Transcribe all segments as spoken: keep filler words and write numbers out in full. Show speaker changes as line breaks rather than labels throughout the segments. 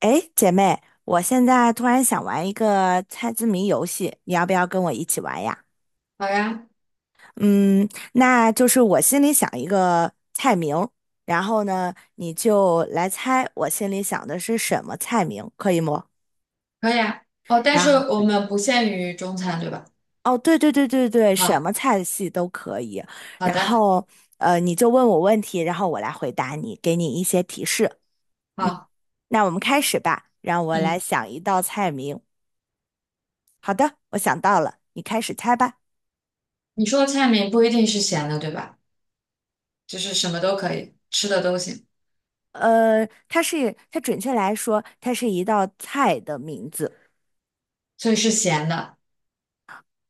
诶，姐妹，我现在突然想玩一个猜字谜游戏，你要不要跟我一起玩呀？
好呀。
嗯，那就是我心里想一个菜名，然后呢，你就来猜我心里想的是什么菜名，可以吗？
可以啊。哦，但
然
是
后，
我们不限于中餐，对吧？
哦，对对对对对，什
好，
么菜系都可以。
好
然
的，
后，呃，你就问我问题，然后我来回答你，给你一些提示。嗯，
好，
那我们开始吧，让我来
嗯，
想一道菜名。好的，我想到了，你开始猜吧。
你说的菜名不一定是咸的，对吧？就是什么都可以，吃的都行，
呃，它是它准确来说，它是一道菜的名字。
所以是咸的。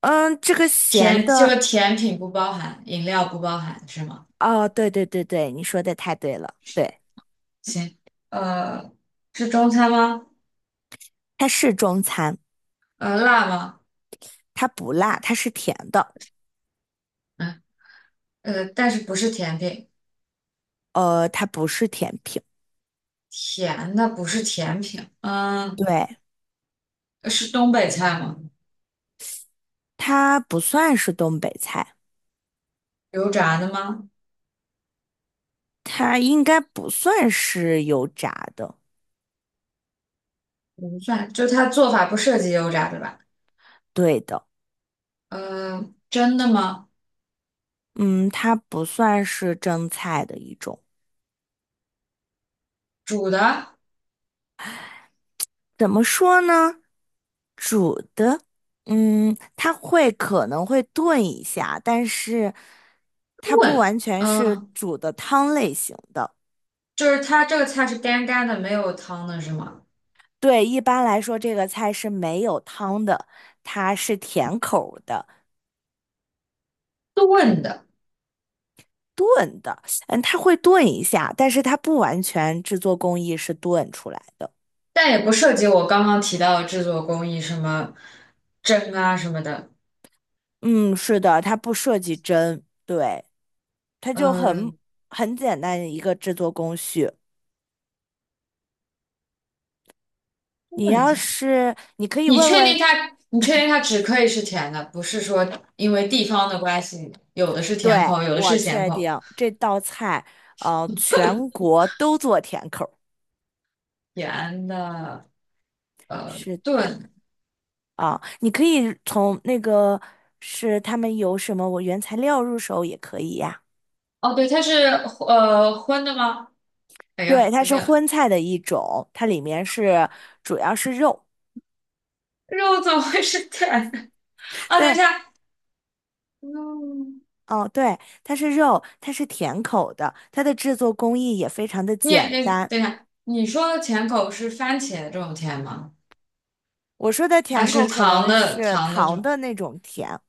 嗯，这个咸
甜，就
的，
是甜品不包含，饮料不包含，是吗？
哦，对对对对，你说的太对了，对，
行，呃，是中餐吗？
它是中餐，
呃，辣吗？
它不辣，它是甜的，
嗯，呃，但是不是甜品，
呃，它不是甜品，
甜的不是甜品。嗯，
对，
是东北菜吗？
它不算是东北菜，
油炸的吗？
它应该不算是油炸的，
不算，就它做法不涉及油炸，对吧？
对的。
呃，真的吗？
嗯，它不算是蒸菜的一种。
煮的？
怎么说呢？煮的，嗯，它会可能会炖一下，但是它不
炖，
完全是
嗯，
煮的汤类型的。
就是它这个菜是干干的，没有汤的是吗？
对，一般来说这个菜是没有汤的，它是甜口儿的。
炖的，
嗯，它会炖一下，但是它不完全制作工艺是炖出来的。
但也不涉及我刚刚提到的制作工艺，什么蒸啊什么的。
嗯，是的，它不涉及蒸，对，它就很
嗯，
很简单的一个制作工序。你
问一
要
下，
是你可以
你
问
确定
问。
它？你确定它只可以是甜的，不是说因为地方的关系，有的是甜
对，
口，有的
我
是咸
确
口。
定这道菜，呃，全国都做甜口儿。
甜的，呃，
是的。
炖。
啊，你可以从那个是他们有什么我原材料入手也可以呀。
哦，对，它是呃荤的吗？哎呦，
对，它
有
是
点
荤菜的一种，它里面是主要是肉。
肉怎么会是甜的？啊，等一
对，
下，嗯，
哦，对，它是肉，它是甜口的，它的制作工艺也非常的
你也
简
你
单。
等一下，你说的甜口是番茄这种甜吗？
我说的
还
甜口
是
可
糖
能
的
是
糖的这
糖
种？
的那种甜，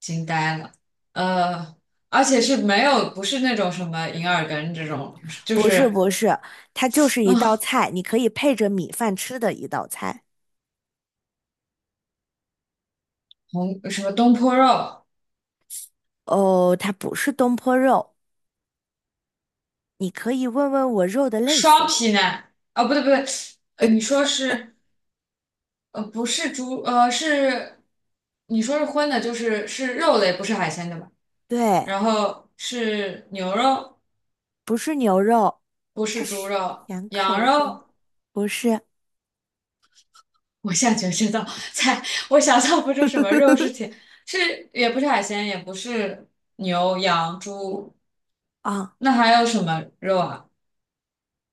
惊呆了，呃，而且是没有，不是那种什么银耳羹这种，就
不是
是
不是，它就是一道
嗯
菜，你可以配着米饭吃的一道菜。
红什么东坡肉、
哦，它不是东坡肉，你可以问问我肉的类
双
型。
皮奶，哦，不对不对，呃，你说是呃不是猪呃是，你说是荤的，就是是肉类，不是海鲜对吧？
对，
然后是牛肉，
不是牛肉，
不
它
是猪
是
肉，
甜
羊
口的，
肉。
不是。
我现在觉得这道菜，我想象不出什么肉是 甜，是也不是海鲜，也不是牛、羊、猪，
啊，
那还有什么肉啊？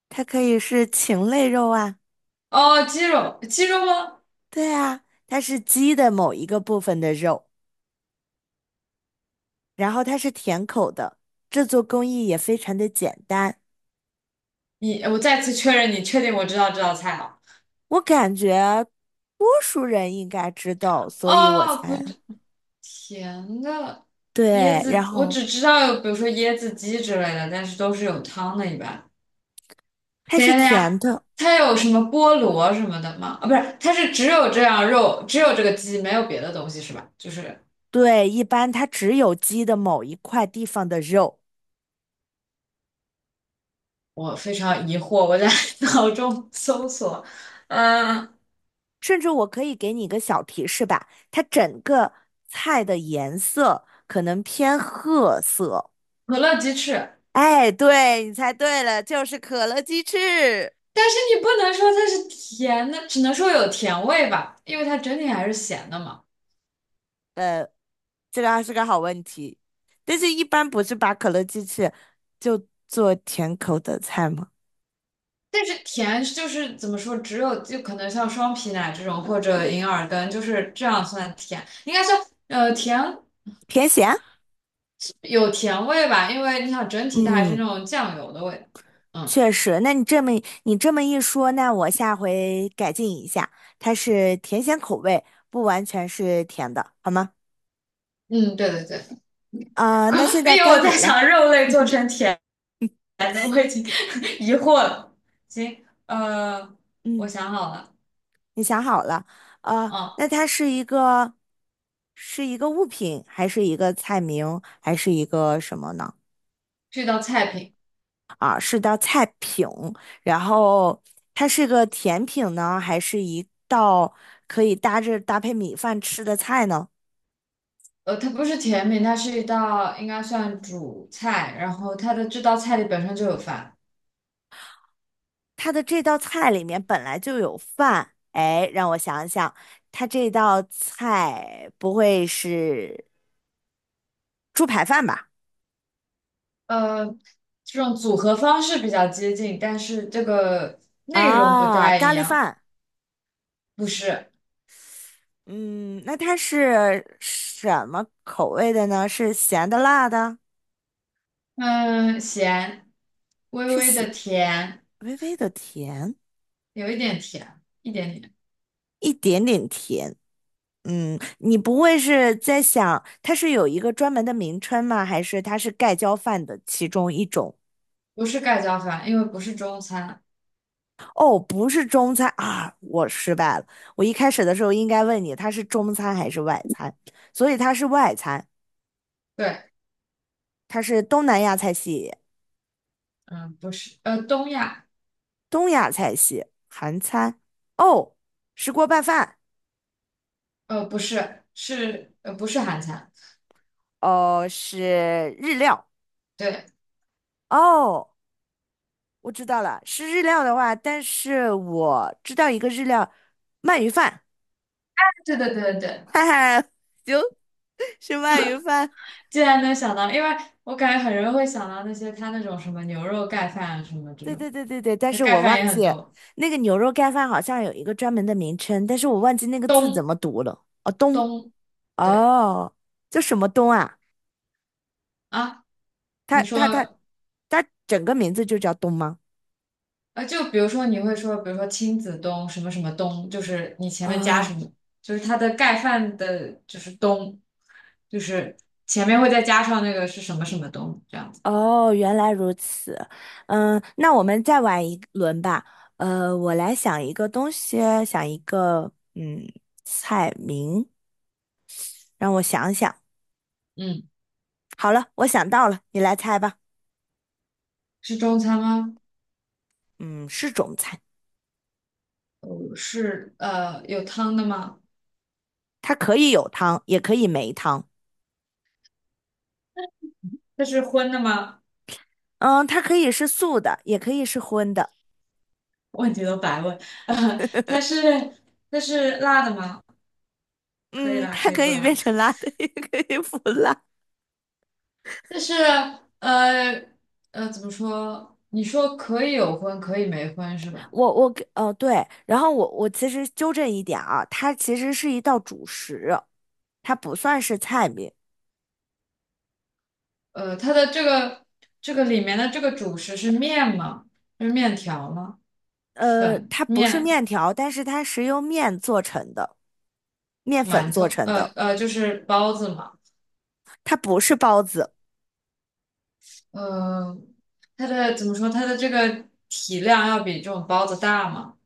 它可以是禽类肉啊。
哦，鸡肉，鸡肉吗？
对啊，它是鸡的某一个部分的肉，然后它是甜口的，制作工艺也非常的简单。
你，我再次确认，你确定我知道这道菜了？
我感觉多数人应该知道，所以我
哦，不
才。
对，甜的椰
对，
子，
然
我
后
只知道有，比如说椰子鸡之类的，但是都是有汤的，一般。
它
等一
是
下，等一下，
甜的。
它有什么菠萝什么的吗？啊，不是，它是只有这样肉，只有这个鸡，没有别的东西是吧？就是。
对，一般它只有鸡的某一块地方的肉。
我非常疑惑，我在 脑中搜索，嗯，
甚至我可以给你一个小提示吧，它整个菜的颜色可能偏褐色。
可乐鸡翅，
哎，对，你猜对了，就是可乐鸡翅。
但是你不能说它是甜的，只能说有甜味吧，因为它整体还是咸的嘛。
这个还是个好问题，但是一般不是把可乐鸡翅就做甜口的菜吗？
但是甜就是怎么说，只有就可能像双皮奶这种或者银耳羹，就是这样算甜，应该算呃甜
甜咸？
有甜味吧，因为你想整体它还是
嗯。
那种酱油的味道。嗯
确实，那你这么你这么一说，那我下回改进一下，它是甜咸口味，不完全是甜的，好吗？
嗯，对对对，
啊、那现 在
因为
该
我在
你了。
想肉类做成甜。来的，我已经 疑惑了。行，呃，我
嗯，
想好了，
你想好了，啊，
哦，
那它是一个是一个物品，还是一个菜名，还是一个什么呢？
这道菜品，
啊，是道菜品，然后它是个甜品呢，还是一道可以搭着搭配米饭吃的菜呢？
呃，它不是甜品，它是一道应该算主菜，然后它的这道菜里本身就有饭，
它的这道菜里面本来就有饭，哎，让我想想，它这道菜不会是猪排饭吧？
呃，这种组合方式比较接近，但是这个内容不
啊，
太
咖
一
喱
样，
饭。
不是，
嗯，那它是什么口味的呢？是咸的、辣的，
嗯，咸，微
是
微
咸，
的甜，
微微的甜，
有一点甜，一点点，
一点点甜。嗯，你不会是在想它是有一个专门的名称吗？还是它是盖浇饭的其中一种？
不是盖浇饭，因为不是中餐，
哦，不是中餐啊，我失败了。我一开始的时候应该问你，它是中餐还是外餐？所以它是外餐，
对，
它是东南亚菜系、
嗯，不是，呃，东亚。
东亚菜系、韩餐。哦，石锅拌饭。
呃，不是，是呃，不是韩餐，
哦，是日料。
对，
哦，我知道了，是日料的话，但是我知道一个日料，鳗鱼饭。
对对对对，对。
哈哈，行，是鳗鱼饭。
竟然能想到，因为我感觉很容易会想到那些他那种什么牛肉盖饭啊什么这
对
种，
对对对对，但
那
是
盖
我
饭
忘
也
记
很多，
那个牛肉盖饭好像有一个专门的名称，但是我忘记那个字怎
东
么读了。哦，东，
东，对
哦，叫什么东啊？
啊，
它
你
它它
说
它整个名字就叫东吗？
呃，就比如说你会说，比如说亲子东什么什么东，就是你前面加
哦
什么，就是它的盖饭的，就是东，就是前面会再加上那个是什么什么东这样子，
哦，原来如此。嗯，那我们再玩一轮吧。呃，我来想一个东西，想一个嗯菜名，让我想想。
嗯，
好了，我想到了，你来猜吧。
是中餐吗？
嗯，是中菜，
是呃有汤的吗？
它可以有汤，也可以没汤。
它是荤的吗？
嗯，它可以是素的，也可以是荤的。
问题都白问。呃，它是它是辣的吗？可以
嗯，
辣，
它
可以
可
不
以变
辣。
成辣的，也可以不辣。
但是呃呃，怎么说？你说可以有荤，可以没荤是吧？
我我给呃对，然后我我其实纠正一点啊，它其实是一道主食，它不算是菜名。
呃，它的这个这个里面的这个主食是面吗？是面条吗？
呃，
粉、
它不是
面、
面条，但是它是由面做成的，面粉
馒
做
头，
成
呃
的，
呃，就是包子嘛。
它不是包子。
呃，它的怎么说？它的这个体量要比这种包子大吗？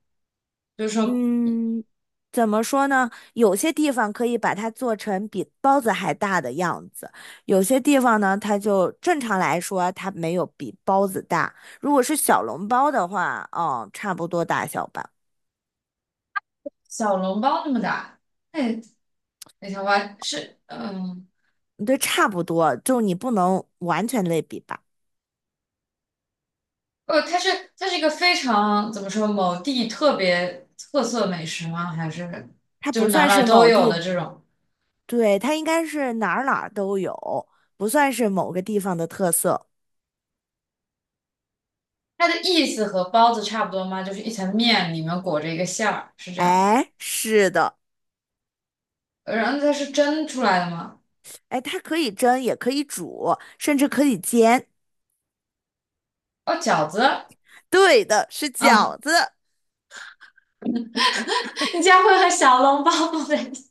就是说
嗯，怎么说呢？有些地方可以把它做成比包子还大的样子，有些地方呢，它就正常来说它没有比包子大。如果是小笼包的话，嗯，差不多大小吧。
小笼包那么大。哎，那条华是，嗯，
对，差不多，就你不能完全类比吧。
哦，它是它是一个非常怎么说某地特别特色美食吗？还是
它
就是
不
哪
算
哪
是
都
某
有的
地，
这种？
对，它应该是哪儿哪儿都有，不算是某个地方的特色。
它的意思和包子差不多吗？就是一层面里面裹着一个馅儿，是这样吗？
哎，是的。
呃然后它是蒸出来的吗？
哎，它可以蒸，也可以煮，甚至可以煎。
哦，饺子
对的，是
啊，
饺子。
你家会和小笼包不在一起？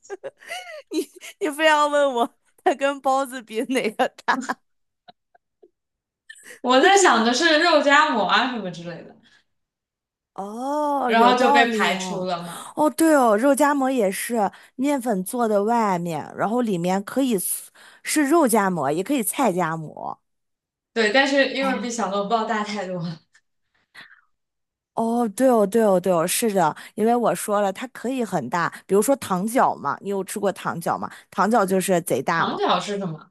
你你非要问我它跟包子比哪个大，
我
我
在
真的。
想的是肉夹馍啊什么之类的，
哦，
然
有
后就
道
被
理
排除
哦。
了嘛。
哦，对哦，肉夹馍也是面粉做的外面，然后里面可以是是肉夹馍，也可以菜夹馍。
对，但是因为比
哎，
小笼包大太多了。
哦，对哦，对哦，对哦，是的，因为我说了，它可以很大，比如说糖饺嘛，你有吃过糖饺吗？糖饺就是贼大
糖
嘛。
饺是什么？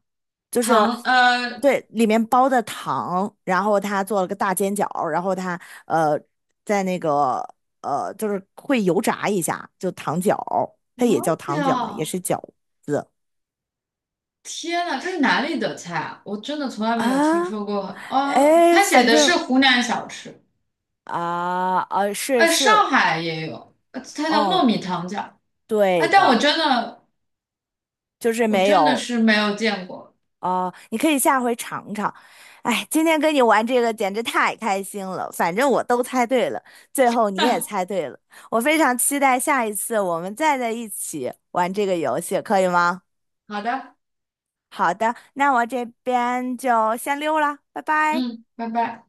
就是
糖呃
对里面包的糖，然后他做了个大煎饺，然后他呃在那个呃就是会油炸一下，就糖饺，它也叫
是
糖饺嘛，也
啊，
是饺
天呐，这是哪里的菜啊？我真的从来没有听
啊，
说过。啊！
哎，
他写
反
的是
正
湖南小吃，
啊啊是
哎，
是，
上海也有，呃它叫糯
嗯，
米糖饺。哎，
对
但我
的，
真的，
就是
我
没
真的
有。
是没有见过。
哦，你可以下回尝尝。哎，今天跟你玩这个简直太开心了，反正我都猜对了，最后你也猜对了。我非常期待下一次我们再在一起玩这个游戏，可以吗？
好的，
好的，那我这边就先溜了，拜拜。
嗯，拜拜。